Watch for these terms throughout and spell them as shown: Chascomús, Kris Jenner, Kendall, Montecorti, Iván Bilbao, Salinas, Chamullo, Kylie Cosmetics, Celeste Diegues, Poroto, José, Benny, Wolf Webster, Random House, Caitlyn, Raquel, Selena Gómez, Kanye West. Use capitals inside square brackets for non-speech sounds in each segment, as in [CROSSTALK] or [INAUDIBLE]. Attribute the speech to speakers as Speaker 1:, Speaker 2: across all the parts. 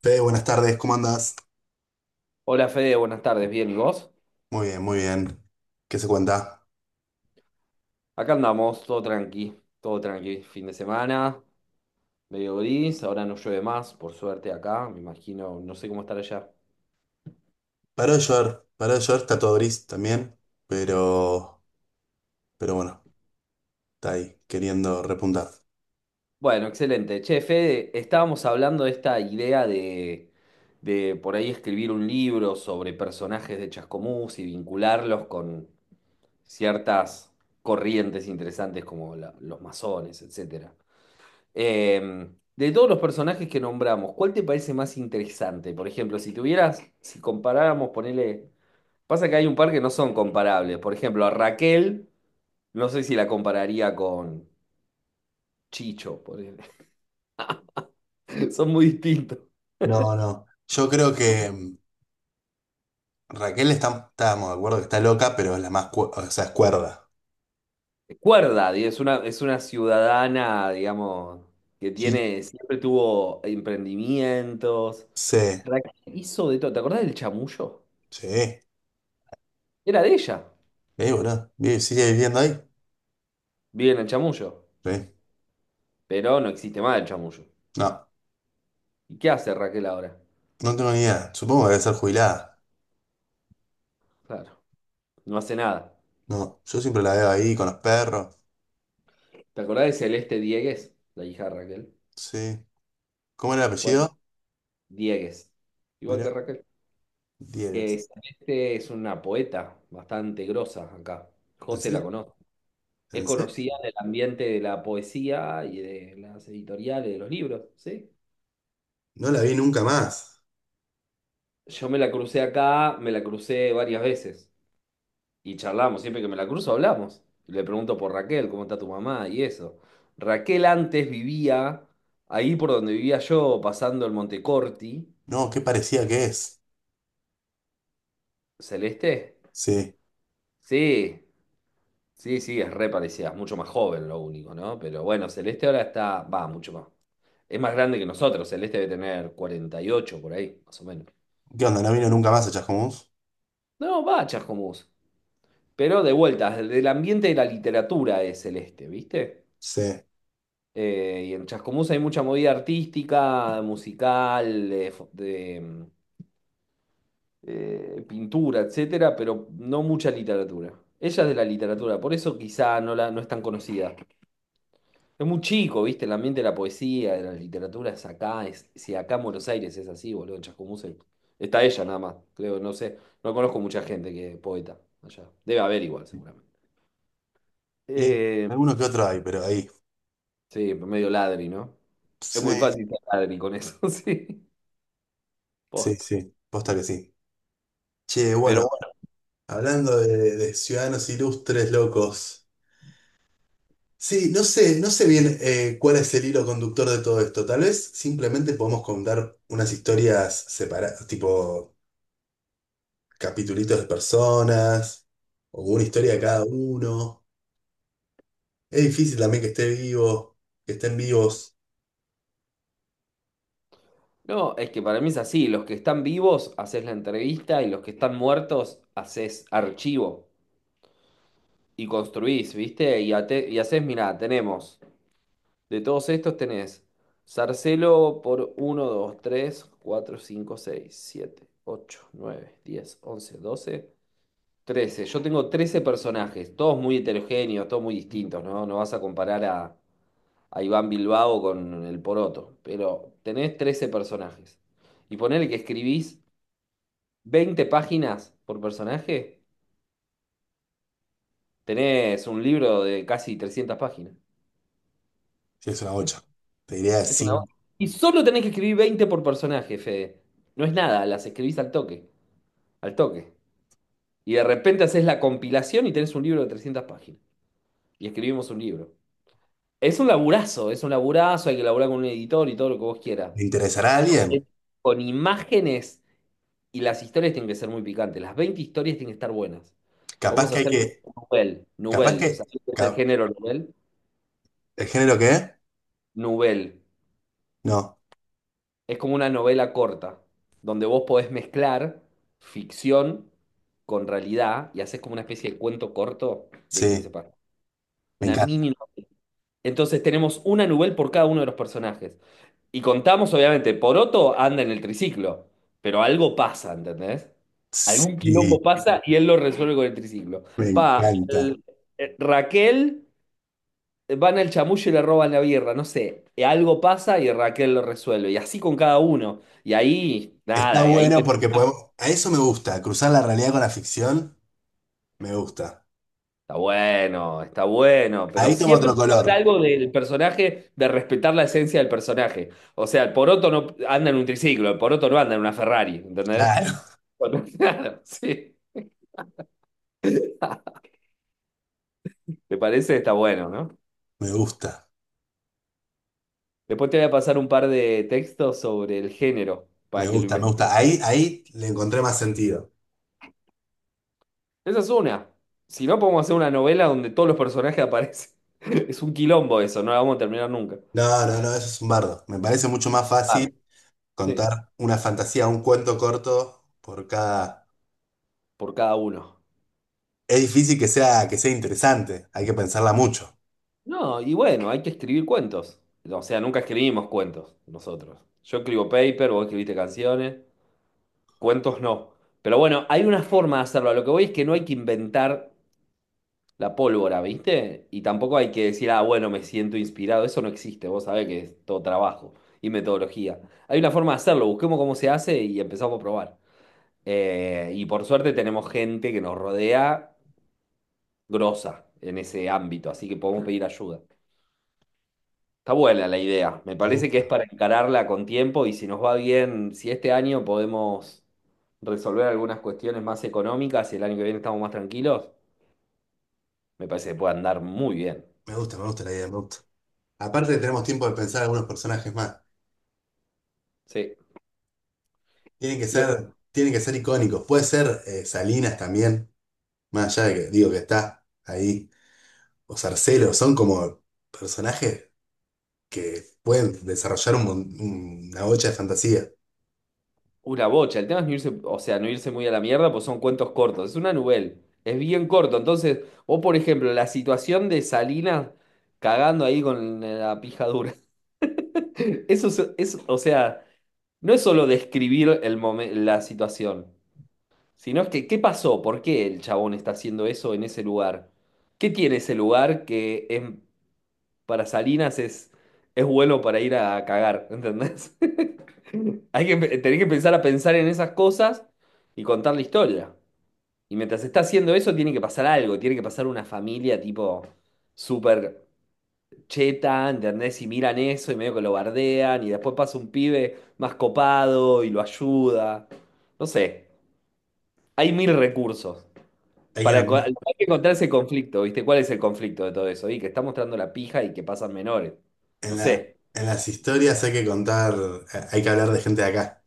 Speaker 1: Fede, buenas tardes, ¿cómo andás?
Speaker 2: Hola Fede, buenas tardes, bien, ¿y vos?
Speaker 1: Muy bien, muy bien. ¿Qué se cuenta?
Speaker 2: Acá andamos, todo tranqui, fin de semana, medio gris, ahora no llueve más, por suerte acá, me imagino, no sé cómo estar allá.
Speaker 1: Paró de llover, está todo gris también, pero, pero bueno, está ahí, queriendo repuntar.
Speaker 2: Bueno, excelente. Che, Fede, estábamos hablando de esta idea de por ahí escribir un libro sobre personajes de Chascomús y vincularlos con ciertas corrientes interesantes como los masones, etcétera. De todos los personajes que nombramos, ¿cuál te parece más interesante? Por ejemplo, si comparáramos, ponele. Pasa que hay un par que no son comparables. Por ejemplo, a Raquel, no sé si la compararía con Chicho, ponele. [LAUGHS] Son muy distintos.
Speaker 1: No, no. Yo creo que Raquel está, estábamos de acuerdo que está loca, pero es la más, o sea, es cuerda.
Speaker 2: Cuerda, es una ciudadana, digamos, que
Speaker 1: Sí.
Speaker 2: tiene, siempre tuvo emprendimientos.
Speaker 1: Sí,
Speaker 2: Raquel hizo de todo. ¿Te acordás del Chamullo?
Speaker 1: sí.
Speaker 2: Era de ella.
Speaker 1: Boludo, ¿sigue viviendo ahí?
Speaker 2: Vive en el Chamullo,
Speaker 1: Sí.
Speaker 2: pero no existe más el Chamullo.
Speaker 1: No,
Speaker 2: ¿Y qué hace Raquel ahora?
Speaker 1: no tengo ni idea. Supongo que debe ser jubilada.
Speaker 2: Claro, no hace nada.
Speaker 1: No, yo siempre la veo ahí con los perros.
Speaker 2: ¿Te acordás de Celeste Diegues, la hija de Raquel?
Speaker 1: Sí. ¿Cómo era el
Speaker 2: Bueno,
Speaker 1: apellido?
Speaker 2: Diegues, igual que
Speaker 1: Mirá,
Speaker 2: Raquel.
Speaker 1: 10.
Speaker 2: Celeste es una poeta bastante grosa acá.
Speaker 1: ¿En
Speaker 2: José la
Speaker 1: serio?
Speaker 2: conoce. Es
Speaker 1: ¿En
Speaker 2: conocida
Speaker 1: serio?
Speaker 2: en el ambiente de la poesía y de las editoriales, de los libros, ¿sí?
Speaker 1: No la vi nunca más.
Speaker 2: Yo me la crucé acá, me la crucé varias veces. Y charlamos, siempre que me la cruzo hablamos. Le pregunto por Raquel, cómo está tu mamá y eso. Raquel antes vivía ahí por donde vivía yo, pasando el Montecorti.
Speaker 1: No, qué parecida que es.
Speaker 2: ¿Celeste?
Speaker 1: Sí.
Speaker 2: Sí, sí, sí, es re parecida, es mucho más joven lo único, ¿no? Pero bueno, Celeste ahora está, va, mucho más. Es más grande que nosotros, Celeste debe tener 48 por ahí, más o menos.
Speaker 1: ¿Qué onda? ¿No vino nunca más a Chascomús?
Speaker 2: No, va, Chascomús. Pero de vuelta, del ambiente de la literatura es Celeste, ¿viste?
Speaker 1: Sí.
Speaker 2: Y en Chascomús hay mucha movida artística, musical, de, pintura, etcétera, pero no mucha literatura. Ella es de la literatura, por eso quizá no, la, no es tan conocida. Es muy chico, ¿viste? El ambiente de la poesía, de la literatura es acá. Es, si acá en Buenos Aires es así, boludo, en Chascomús está ella nada más, creo, no sé. No conozco mucha gente que es poeta allá. Debe haber igual, seguramente.
Speaker 1: Y
Speaker 2: Eh,
Speaker 1: alguno que otro hay, pero ahí.
Speaker 2: sí, medio ladri, ¿no? Es
Speaker 1: Sí,
Speaker 2: muy fácil ser ladri con eso, [LAUGHS] sí.
Speaker 1: sí,
Speaker 2: Posta.
Speaker 1: sí. Posta que sí. Che,
Speaker 2: Pero
Speaker 1: bueno,
Speaker 2: bueno,
Speaker 1: hablando de ciudadanos ilustres locos. Sí, no sé, no sé bien cuál es el hilo conductor de todo esto. Tal vez simplemente podemos contar unas historias separadas, tipo capitulitos de personas, o una
Speaker 2: es
Speaker 1: historia de
Speaker 2: que para-
Speaker 1: cada uno. Es difícil también que esté vivo, que estén vivos,
Speaker 2: no, es que para mí es así. Los que están vivos, haces la entrevista y los que están muertos, haces archivo y construís, ¿viste? Y haces, mirá, tenemos, de todos estos tenés Sarcelo por uno 2 3 4 5 6 7 8 9 10 11 12 trece. Yo tengo 13 personajes, todos muy heterogéneos, todos muy distintos, ¿no? No vas a comparar a Iván Bilbao con el Poroto, pero tenés 13 personajes. Y ponele que escribís 20 páginas por personaje, tenés un libro de casi 300 páginas.
Speaker 1: sí es una bocha. Te diría,
Speaker 2: Es una... banda.
Speaker 1: si
Speaker 2: Y solo tenés que escribir 20 por personaje, Fede. No es nada, las escribís al toque, al toque. Y de repente haces la compilación y tenés un libro de 300 páginas. Y escribimos un libro. Es un laburazo, hay que laburar con un editor y todo lo que vos quieras.
Speaker 1: ¿le interesará a
Speaker 2: Es
Speaker 1: alguien?
Speaker 2: Con imágenes. Y las historias tienen que ser muy picantes. Las 20 historias tienen que estar buenas.
Speaker 1: Capaz
Speaker 2: Podemos
Speaker 1: que hay
Speaker 2: hacer
Speaker 1: que,
Speaker 2: novel,
Speaker 1: capaz que,
Speaker 2: novel. ¿Sabés qué es el género novel?
Speaker 1: ¿el género qué es?
Speaker 2: Novel.
Speaker 1: No,
Speaker 2: Es como una novela corta, donde vos podés mezclar ficción con realidad y haces como una especie de cuento corto de
Speaker 1: sí,
Speaker 2: 15 páginas.
Speaker 1: me
Speaker 2: Una
Speaker 1: encanta.
Speaker 2: mini.
Speaker 1: [LAUGHS]
Speaker 2: Entonces tenemos una novel por cada uno de los personajes. Y contamos, obviamente, Poroto anda en el triciclo, pero algo pasa, ¿entendés? Algún quilombo
Speaker 1: Sí,
Speaker 2: pasa y él lo resuelve con el triciclo.
Speaker 1: me
Speaker 2: Pa,
Speaker 1: encanta.
Speaker 2: el- Raquel, van al chamuyo y le roban la birra, no sé. Algo pasa y Raquel lo resuelve. Y así con cada uno. Y ahí,
Speaker 1: Está
Speaker 2: nada, y ahí
Speaker 1: bueno porque podemos, a eso me gusta, cruzar la realidad con la ficción, me gusta.
Speaker 2: está bueno, está bueno. Pero
Speaker 1: Ahí toma otro
Speaker 2: siempre habrá
Speaker 1: color,
Speaker 2: algo del personaje, de respetar la esencia del personaje. O sea, el Poroto no anda en un triciclo, el Poroto no anda en una Ferrari, ¿entendés?
Speaker 1: claro,
Speaker 2: [LAUGHS] Claro, sí. ¿Te parece? Está bueno, ¿no?
Speaker 1: [LAUGHS] me gusta,
Speaker 2: Después te voy a pasar un par de textos sobre el género
Speaker 1: me
Speaker 2: para que lo
Speaker 1: gusta, me
Speaker 2: investigues.
Speaker 1: gusta. Ahí, ahí le encontré más sentido.
Speaker 2: Esa es una. Si no, podemos hacer una novela donde todos los personajes aparecen. [LAUGHS] Es un quilombo eso, no la vamos a terminar nunca.
Speaker 1: No, no, no, eso es un bardo. Me parece mucho más
Speaker 2: Par,
Speaker 1: fácil.
Speaker 2: sí,
Speaker 1: Contar una fantasía, un cuento corto por cada...
Speaker 2: por cada uno.
Speaker 1: Es difícil que sea interesante, hay que pensarla mucho.
Speaker 2: No, y bueno, hay que escribir cuentos. O sea, nunca escribimos cuentos nosotros. Yo escribo paper, vos escribiste canciones, cuentos no. Pero bueno, hay una forma de hacerlo. A lo que voy es que no hay que inventar la pólvora, ¿viste? Y tampoco hay que decir, ah, bueno, me siento inspirado. Eso no existe, vos sabés que es todo trabajo y metodología. Hay una forma de hacerlo, busquemos cómo se hace y empezamos a probar. Y por suerte tenemos gente que nos rodea grosa en ese ámbito, así que podemos pedir ayuda. Está buena la idea, me
Speaker 1: Me
Speaker 2: parece que es
Speaker 1: gusta,
Speaker 2: para encararla con tiempo y si nos va bien, si este año podemos resolver algunas cuestiones más económicas y el año que viene estamos más tranquilos, me parece que puede andar muy bien.
Speaker 1: me gusta, me gusta la idea, me gusta. Aparte tenemos tiempo de pensar algunos personajes más.
Speaker 2: Sí. Lo-
Speaker 1: Tienen que ser icónicos. Puede ser Salinas también, más allá de que digo que está ahí. O Sarcelo, son como personajes que pueden desarrollar un una bocha de fantasía.
Speaker 2: Una bocha. El tema es no irse, o sea, no irse muy a la mierda, pues son cuentos cortos. Es una novela. Es bien corto. Entonces, o por ejemplo, la situación de Salinas cagando ahí con la pija dura. [LAUGHS] Eso es- o sea, no es solo describir la situación, sino es que, ¿qué pasó? ¿Por qué el chabón está haciendo eso en ese lugar? ¿Qué tiene ese lugar para Salinas es bueno para ir a cagar? [LAUGHS] ¿Entendés? Tenés que empezar a pensar en esas cosas y contar la historia. Y mientras está haciendo eso, tiene que pasar algo, tiene que pasar una familia tipo súper cheta, ¿entendés? Y miran eso y medio que lo bardean y después pasa un pibe más copado y lo ayuda. No sé, hay mil recursos.
Speaker 1: Hay que nombrar-
Speaker 2: Hay que encontrar ese conflicto, ¿viste? ¿Cuál es el conflicto de todo eso? Y que está mostrando la pija y que pasan menores. No
Speaker 1: En la,
Speaker 2: sé.
Speaker 1: en las historias hay que contar, hay que hablar de gente de acá.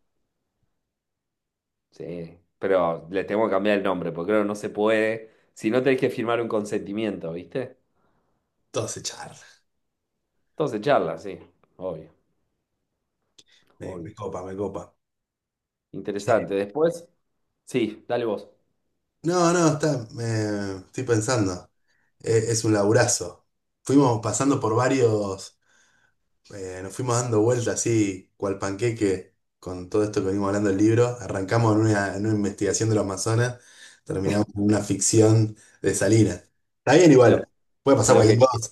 Speaker 2: Sí, pero le tengo que cambiar el nombre, porque creo que no se puede. Si no tenés que firmar un consentimiento, ¿viste?
Speaker 1: Todos se charlan.
Speaker 2: Entonces charla, sí, obvio,
Speaker 1: Me
Speaker 2: obvio.
Speaker 1: copa, me copa. Sí.
Speaker 2: Interesante. Después, sí, dale vos.
Speaker 1: No, no, está, estoy pensando. Es un laburazo. Fuimos pasando por varios, nos fuimos dando vueltas así, cual panqueque, con todo esto que venimos hablando del libro. Arrancamos en una investigación de los Amazonas, terminamos en una ficción de Salinas. Está bien
Speaker 2: Lo,
Speaker 1: igual, puede pasar
Speaker 2: lo
Speaker 1: cualquier
Speaker 2: que,
Speaker 1: cosa.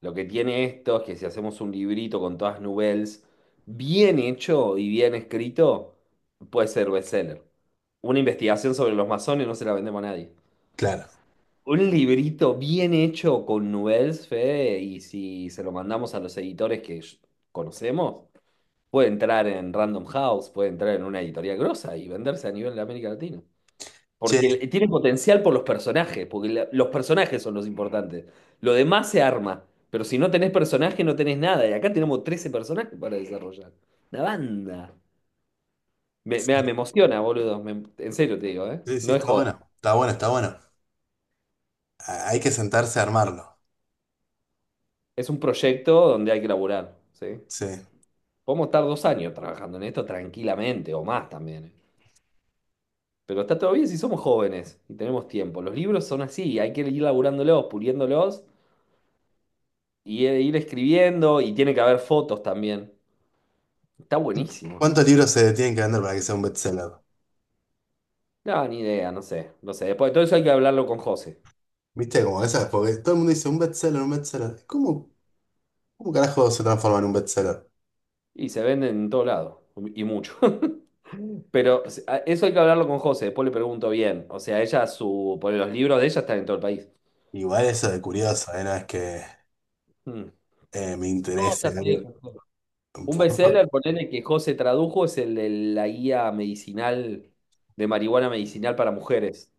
Speaker 2: lo que tiene esto es que si hacemos un librito con todas nouvelles, bien hecho y bien escrito, puede ser bestseller. Una investigación sobre los masones no se la vendemos a nadie.
Speaker 1: Claro.
Speaker 2: Un librito bien hecho con nouvelles, Fede, y si se lo mandamos a los editores que conocemos. Puede entrar en Random House, puede entrar en una editorial grosa y venderse a nivel de América Latina. Porque
Speaker 1: Che,
Speaker 2: tiene potencial por los personajes, porque los personajes son los importantes. Lo demás se arma, pero si no tenés personaje no tenés nada. Y acá tenemos 13 personajes para desarrollar. Una banda. Me,
Speaker 1: sí,
Speaker 2: me, me emociona, boludo. En serio te digo, ¿eh?
Speaker 1: sí,
Speaker 2: No es
Speaker 1: está
Speaker 2: joda.
Speaker 1: bueno, está bueno, está bueno. Ah, hay que sentarse a armarlo.
Speaker 2: Es un proyecto donde hay que laburar, ¿sí?
Speaker 1: Sí.
Speaker 2: Podemos estar 2 años trabajando en esto tranquilamente, o más también. ¿Eh? Pero está todo bien si somos jóvenes y tenemos tiempo. Los libros son así, hay que ir laburándolos, puliéndolos y ir escribiendo y tiene que haber fotos también. Está buenísimo.
Speaker 1: ¿Cuántos libros se tienen que vender para que sea un bestseller?
Speaker 2: No, ni idea, no sé, no sé. Después de todo eso hay que hablarlo con José.
Speaker 1: Viste, como esas, porque todo el mundo dice un bestseller, un bestseller. ¿Cómo, cómo carajo se transforma en un bestseller?
Speaker 2: Y se venden en todo lado, y mucho. [LAUGHS] Pero o sea, eso hay que hablarlo con José, después le pregunto bien. O sea, ella, su, por los libros de ella están en todo el país.
Speaker 1: Igual eso de curioso, ¿eh? No es que
Speaker 2: Mm.
Speaker 1: me
Speaker 2: No,
Speaker 1: interese
Speaker 2: ya sé,
Speaker 1: algo.
Speaker 2: ya sé. Un
Speaker 1: Justo,
Speaker 2: bestseller, ponele que José tradujo, es el de la guía medicinal, de marihuana medicinal para mujeres.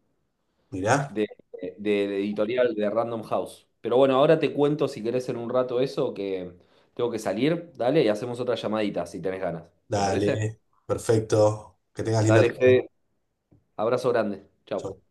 Speaker 1: mirá,
Speaker 2: de, de editorial de Random House. Pero bueno, ahora te cuento si querés en un rato eso, que tengo que salir, dale, y hacemos otra llamadita si tenés ganas. ¿Te parece?
Speaker 1: dale, perfecto, que tengas linda
Speaker 2: Dale,
Speaker 1: tarde.
Speaker 2: Fede.
Speaker 1: ¿Eh?
Speaker 2: Abrazo grande. Chau.
Speaker 1: Chau.